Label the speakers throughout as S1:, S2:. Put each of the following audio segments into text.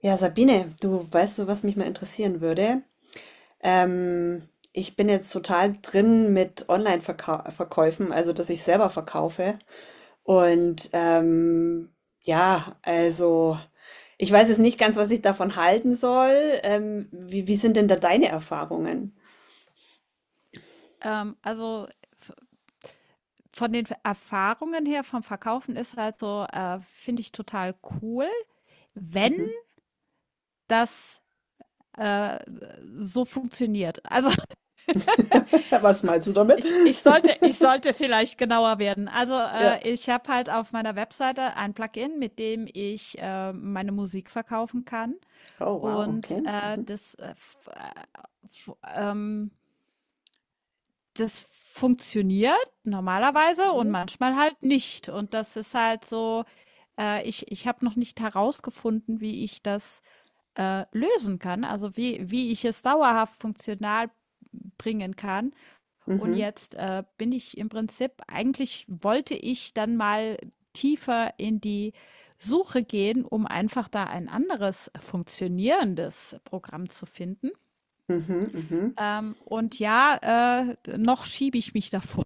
S1: Ja, Sabine, du weißt du, was mich mal interessieren würde? Ähm, Ich bin jetzt total drin mit Online-Verkäufen, also dass ich selber verkaufe. Und ja, also ich weiß jetzt nicht ganz, was ich davon halten soll. Wie sind denn da deine Erfahrungen?
S2: Also v von den Erfahrungen her vom Verkaufen ist halt so, finde ich total cool, wenn
S1: Mhm.
S2: das äh, so funktioniert. Also
S1: Was meinst du damit?
S2: ich, ich sollte ich sollte vielleicht genauer werden. Also
S1: Ja.
S2: ich habe halt auf meiner Webseite ein Plugin, mit dem ich meine Musik verkaufen kann,
S1: Oh, wow,
S2: und
S1: okay. Mhm.
S2: f- ähm, das funktioniert normalerweise und
S1: Okay.
S2: manchmal halt nicht. Und das ist halt so. Ich habe noch nicht herausgefunden, wie ich das lösen kann, also wie ich es dauerhaft funktional bringen kann. Und
S1: Mhm,
S2: jetzt bin ich im Prinzip, eigentlich wollte ich dann mal tiefer in die Suche gehen, um einfach da ein anderes funktionierendes Programm zu finden.
S1: mhm, mhm.
S2: Und ja, noch schiebe ich mich davor.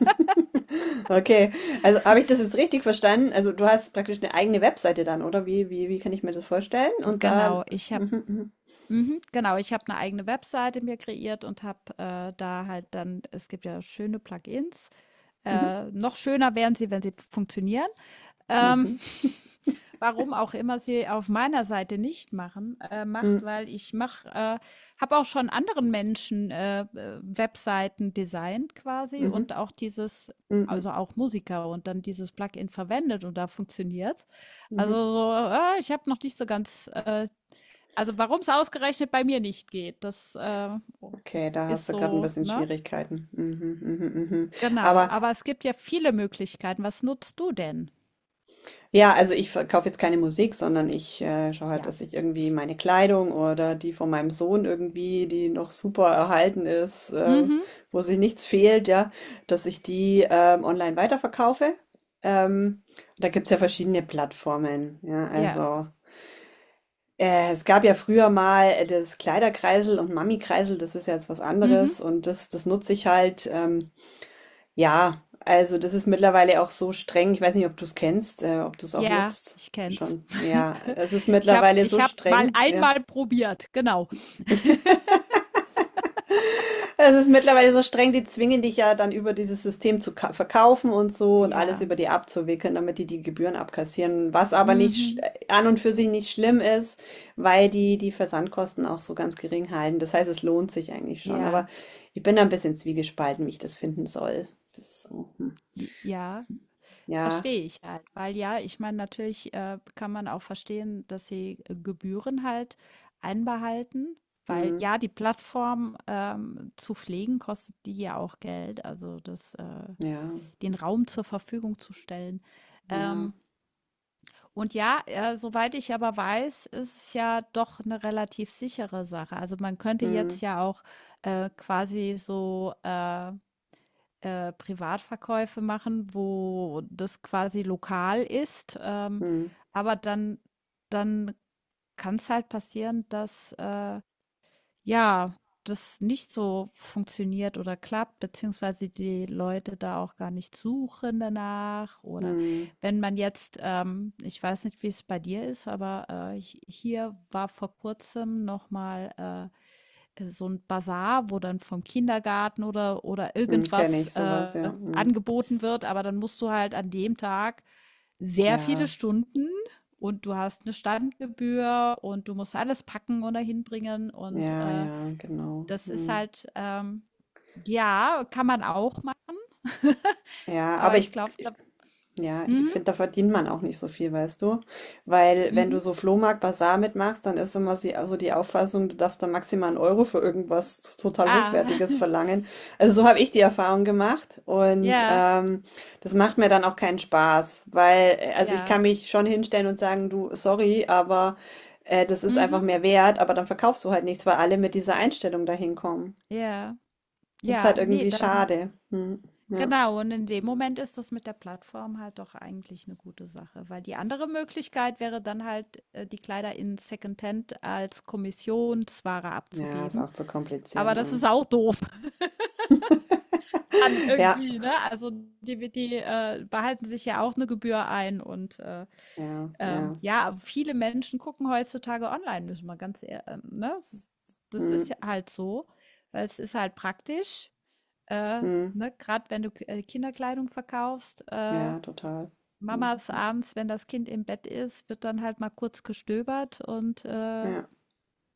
S1: Okay, also habe ich das jetzt richtig verstanden? Also du hast praktisch eine eigene Webseite dann, oder? Wie kann ich mir das vorstellen? Und da...
S2: Genau, ich habe,
S1: Mhm, mhm,
S2: mhm, genau, ich habe eine eigene Webseite mir kreiert und habe, da halt, dann es gibt ja schöne Plugins.
S1: mhm,
S2: Noch schöner wären sie, wenn sie funktionieren. Ähm,
S1: mhm,
S2: warum auch immer sie auf meiner Seite nicht machen, macht,
S1: mhm,
S2: weil ich mach, habe auch schon anderen Menschen Webseiten designt quasi,
S1: mhm,
S2: und auch dieses,
S1: mhm, mhm,
S2: also auch Musiker, und dann dieses Plugin verwendet, und da funktioniert. Also
S1: mhm.
S2: so, ah, ich habe noch nicht so ganz, also warum es ausgerechnet bei mir nicht geht, das
S1: Okay, da hast
S2: ist
S1: du gerade ein
S2: so,
S1: bisschen
S2: ne?
S1: Schwierigkeiten. Mhm, mhm, mhm, mhm.
S2: Genau,
S1: Aber
S2: aber es gibt ja viele Möglichkeiten. Was nutzt du denn?
S1: ja, also ich verkaufe jetzt keine Musik, sondern ich schaue halt,
S2: Ja.
S1: dass ich irgendwie meine Kleidung oder die von meinem Sohn irgendwie, die noch super erhalten ist,
S2: Mhm.
S1: wo sich nichts fehlt, ja, dass ich die online weiterverkaufe. Ähm, Da gibt's ja verschiedene Plattformen, ja,
S2: Ja.
S1: also es gab ja früher mal das Kleiderkreisel und Mami-Kreisel, das ist ja jetzt was
S2: Mhm.
S1: anderes und das nutze ich halt. Ja, also das ist mittlerweile auch so streng. Ich weiß nicht, ob du es kennst, ob du es auch
S2: Ja,
S1: nutzt
S2: ich kenn's.
S1: schon. Ja, es ist
S2: Ich habe,
S1: mittlerweile
S2: ich
S1: so
S2: hab mal
S1: streng. Ja,
S2: einmal probiert, genau.
S1: es ist mittlerweile so streng. Die zwingen dich ja dann über dieses System zu verkaufen und so und alles
S2: Ja.
S1: über die abzuwickeln, damit die die Gebühren abkassieren. Was aber nicht
S2: Mhm.
S1: sch- an und für sich nicht schlimm ist, weil die die Versandkosten auch so ganz gering halten. Das heißt, es lohnt sich eigentlich schon.
S2: Ja.
S1: Aber ich bin da ein bisschen zwiegespalten, wie ich das finden soll. Das ist so, hm.
S2: J ja.
S1: Ja,
S2: Verstehe ich halt, weil ja, ich meine, natürlich kann man auch verstehen, dass sie Gebühren halt einbehalten, weil
S1: hm.
S2: ja, die Plattform, zu pflegen kostet die ja auch Geld, also das,
S1: Ja,
S2: den Raum zur Verfügung zu stellen.
S1: ja.
S2: Ähm, und ja, soweit ich aber weiß, ist es ja doch eine relativ sichere Sache. Also man könnte
S1: Hm,
S2: jetzt ja auch quasi so Privatverkäufe machen, wo das quasi lokal ist.
S1: hm,
S2: Aber dann kann es halt passieren, dass ja, das nicht so funktioniert oder klappt, beziehungsweise die Leute da auch gar nicht suchen danach. Oder
S1: hm,
S2: wenn man jetzt, ich weiß nicht, wie es bei dir ist, aber hier war vor kurzem nochmal so ein Basar, wo dann vom Kindergarten oder
S1: mhm, kenne
S2: irgendwas
S1: ich sowas, ja. Mhm.
S2: angeboten wird, aber dann musst du halt an dem Tag sehr viele
S1: Ja,
S2: Stunden, und du hast eine Standgebühr, und du musst alles packen oder hinbringen und
S1: ja, ja, genau.
S2: das ist
S1: Mhm.
S2: halt, ja, kann man auch machen.
S1: Ja, aber
S2: Aber ich
S1: ich
S2: glaube, da
S1: Ja, ich
S2: mhm,
S1: finde, da verdient man auch nicht so viel, weißt du? Weil wenn du
S2: mhm.
S1: so Flohmarkt, Basar mitmachst, dann ist immer also die Auffassung, du darfst da maximal einen Euro für irgendwas total
S2: Ah,
S1: Hochwertiges verlangen. Also so habe ich die Erfahrung gemacht und
S2: ja,
S1: das macht mir dann auch keinen Spaß, weil, also ich
S2: ja.
S1: kann mich schon hinstellen und sagen, du, sorry, aber das ist einfach
S2: Mhm,
S1: mehr wert, aber dann verkaufst du halt nichts, weil alle mit dieser Einstellung dahin kommen.
S2: ja.
S1: Das ist
S2: Ja,
S1: halt
S2: nee,
S1: irgendwie
S2: dann
S1: schade. Hm, ja.
S2: genau. Und in dem Moment ist das mit der Plattform halt doch eigentlich eine gute Sache, weil die andere Möglichkeit wäre dann halt, die Kleider in Secondhand als Kommissionsware
S1: Ja, ist
S2: abzugeben.
S1: auch zu kompliziert,
S2: Aber das
S1: ja.
S2: ist auch doof dann
S1: Ja,
S2: irgendwie, ne? Also, die behalten sich ja auch eine Gebühr ein, und
S1: ja, ja.
S2: Ja, viele Menschen gucken heutzutage online, müssen wir ganz ehrlich, ne? Das ist
S1: Mhm.
S2: ja halt so, weil es ist halt praktisch, äh,
S1: Mhm.
S2: ne? Gerade wenn du Kinderkleidung verkaufst,
S1: Ja, total.
S2: Mamas
S1: Mhm.
S2: abends, wenn das Kind im Bett ist, wird dann halt mal kurz gestöbert und
S1: Ja,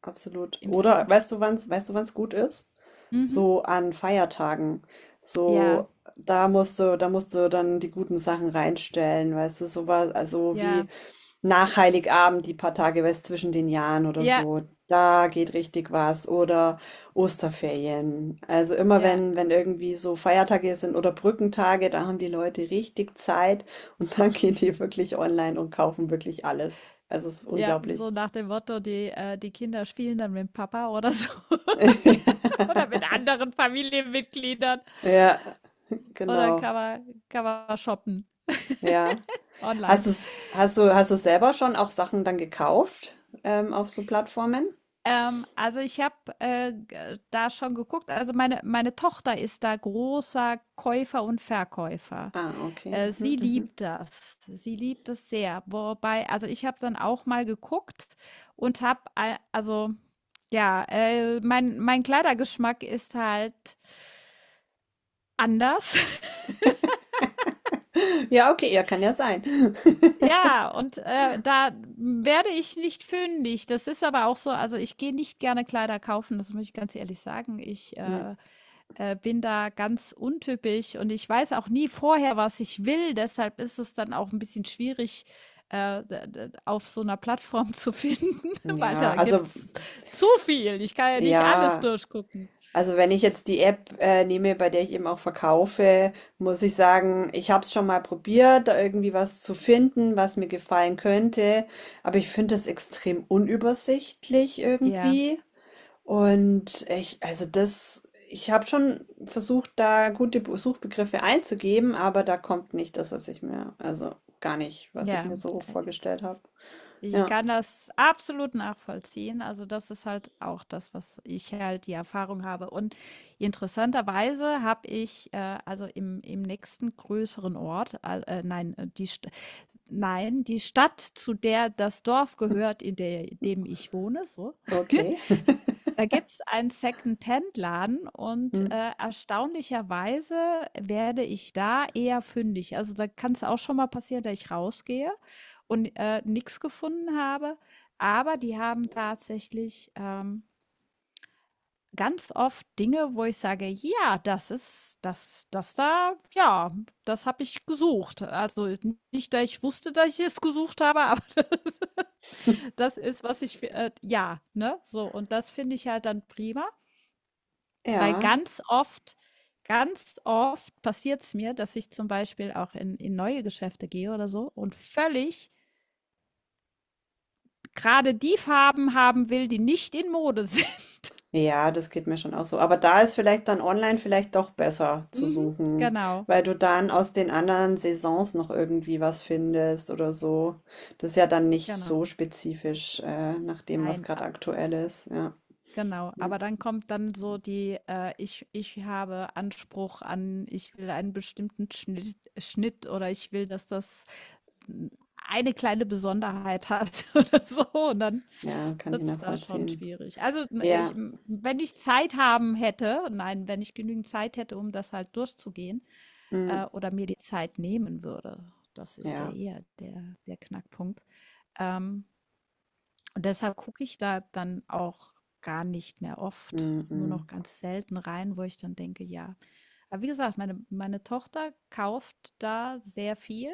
S1: absolut.
S2: im
S1: Oder
S2: Second.
S1: weißt du, wann's gut ist?
S2: Mhm.
S1: So an Feiertagen.
S2: Ja,
S1: So, da musst du dann die guten Sachen reinstellen, weißt du, sowas, also wie
S2: ja,
S1: nach Heiligabend, die paar Tage was zwischen den Jahren oder
S2: ja,
S1: so, da geht richtig was. Oder Osterferien. Also immer
S2: ja,
S1: wenn irgendwie so Feiertage sind oder Brückentage, da haben die Leute richtig Zeit und dann gehen die wirklich online und kaufen wirklich alles. Also es ist
S2: ja, so
S1: unglaublich.
S2: nach dem Motto, die Kinder spielen dann mit Papa oder so oder mit anderen Familienmitgliedern.
S1: Ja,
S2: Oder
S1: genau.
S2: kann man shoppen
S1: Ja. Hast
S2: online.
S1: du's, hast du, hast du selber schon auch Sachen dann gekauft, auf so Plattformen?
S2: Also ich habe da schon geguckt. Also meine Tochter ist da großer Käufer und Verkäufer.
S1: Ah, okay. Mhm,
S2: Sie
S1: mhm.
S2: liebt das. Sie liebt es sehr. Wobei, also ich habe dann auch mal geguckt und habe, also ja, mein Kleidergeschmack ist halt anders.
S1: Ja, okay, ja, kann ja sein.
S2: Ja, und da werde ich nicht fündig. Das ist aber auch so, also ich gehe nicht gerne Kleider kaufen, das muss ich ganz ehrlich sagen. Ich,
S1: Hm,
S2: äh, äh, bin da ganz untypisch, und ich weiß auch nie vorher, was ich will. Deshalb ist es dann auch ein bisschen schwierig, d d auf so einer Plattform zu finden, weil
S1: ja,
S2: da
S1: also,
S2: gibt's zu viel. Ich kann ja nicht alles
S1: ja,
S2: durchgucken.
S1: also wenn ich jetzt die App nehme, bei der ich eben auch verkaufe, muss ich sagen, ich habe es schon mal probiert, da irgendwie was zu finden, was mir gefallen könnte, aber ich finde es extrem unübersichtlich
S2: Ja,
S1: irgendwie. Und ich habe schon versucht, da gute Suchbegriffe einzugeben, aber da kommt nicht das, was ich mir, also gar nicht, was ich
S2: ja,
S1: mir so
S2: äh
S1: vorgestellt habe.
S2: ich
S1: Ja,
S2: kann das absolut nachvollziehen. Also, das ist halt auch das, was ich halt die Erfahrung habe. Und interessanterweise habe ich, äh, also im nächsten größeren Ort, nein, die Stadt, zu der das Dorf gehört, in dem ich wohne, so,
S1: okay.
S2: da gibt's einen Secondhand-Laden, und
S1: Hm.
S2: erstaunlicherweise werde ich da eher fündig. Also, da kann es auch schon mal passieren, dass ich rausgehe und nix gefunden habe. Aber die haben tatsächlich, ganz oft Dinge, wo ich sage: „Ja, das ist das das da ja, das habe ich gesucht.“ Also, nicht, dass ich wusste, dass ich es gesucht habe, aber das das ist, was ich ja, ne, so. Und das finde ich halt dann prima. Weil
S1: Ja.
S2: ganz oft passiert es mir, dass ich zum Beispiel auch in neue Geschäfte gehe oder so, und völlig gerade die Farben haben will, die nicht in Mode sind.
S1: Ja, das geht mir schon auch so. Aber da ist vielleicht dann online vielleicht doch besser zu
S2: Mhm.
S1: suchen,
S2: Genau,
S1: weil du dann aus den anderen Saisons noch irgendwie was findest oder so. Das ist ja dann nicht so
S2: genau.
S1: spezifisch, nach dem, was
S2: Nein,
S1: gerade aktuell ist. Ja.
S2: genau.
S1: Hm.
S2: Aber dann kommt dann so die, äh, ich habe Anspruch an, ich will einen bestimmten Schnitt, oder ich will, dass das n- eine kleine Besonderheit hat oder so. Und dann
S1: Ja, kann ich
S2: das ist da schon
S1: nachvollziehen.
S2: schwierig. Also,
S1: Ja.
S2: wenn ich Zeit haben hätte, nein, wenn ich genügend Zeit hätte, um das halt durchzugehen,
S1: Hm.
S2: oder mir die Zeit nehmen würde, das ist ja
S1: Ja.
S2: eher der Knackpunkt. Ähm, und deshalb gucke ich da dann auch gar nicht mehr oft,
S1: Hm,
S2: nur noch
S1: hm.
S2: ganz selten rein, wo ich dann denke, ja. Aber wie gesagt, meine Tochter kauft da sehr viel.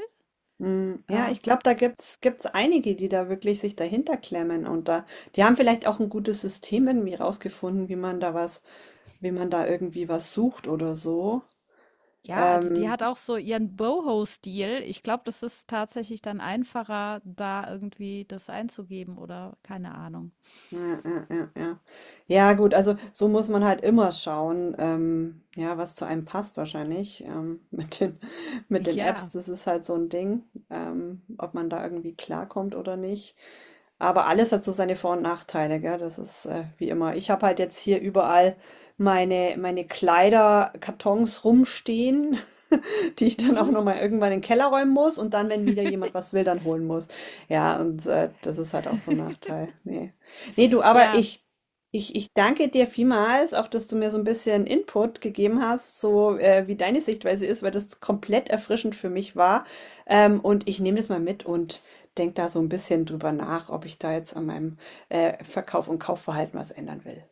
S1: Mm, ja, ich
S2: Ähm,
S1: glaube, da gibt's einige, die da wirklich sich dahinter klemmen und die haben vielleicht auch ein gutes System irgendwie rausgefunden, wie man da irgendwie was sucht oder so.
S2: Ja, also die
S1: Ähm,
S2: hat auch so ihren Boho-Stil. Ich glaube, das ist tatsächlich dann einfacher, da irgendwie das einzugeben, oder keine Ahnung.
S1: ja, ja, ja, ja. Ja, gut, also so muss man halt immer schauen, ja, was zu einem passt wahrscheinlich. Mit den, mit den Apps,
S2: Ja.
S1: das ist halt so ein Ding, ob man da irgendwie klarkommt oder nicht. Aber alles hat so seine Vor und Nachteile, gell? Das ist wie immer. Ich habe halt jetzt hier überall meine Kleiderkartons rumstehen. Die ich dann auch
S2: Mhm.
S1: nochmal irgendwann in den Keller räumen muss und dann, wenn wieder jemand was will, dann holen muss. Ja, und das ist halt auch so ein Nachteil. Nee. Nee, du, aber
S2: Ja.
S1: ich danke dir vielmals, auch dass du mir so ein bisschen Input gegeben hast, so wie deine Sichtweise ist, weil das komplett erfrischend für mich war. Und ich nehme das mal mit und denke da so ein bisschen drüber nach, ob ich da jetzt an meinem Verkauf und Kaufverhalten was ändern will.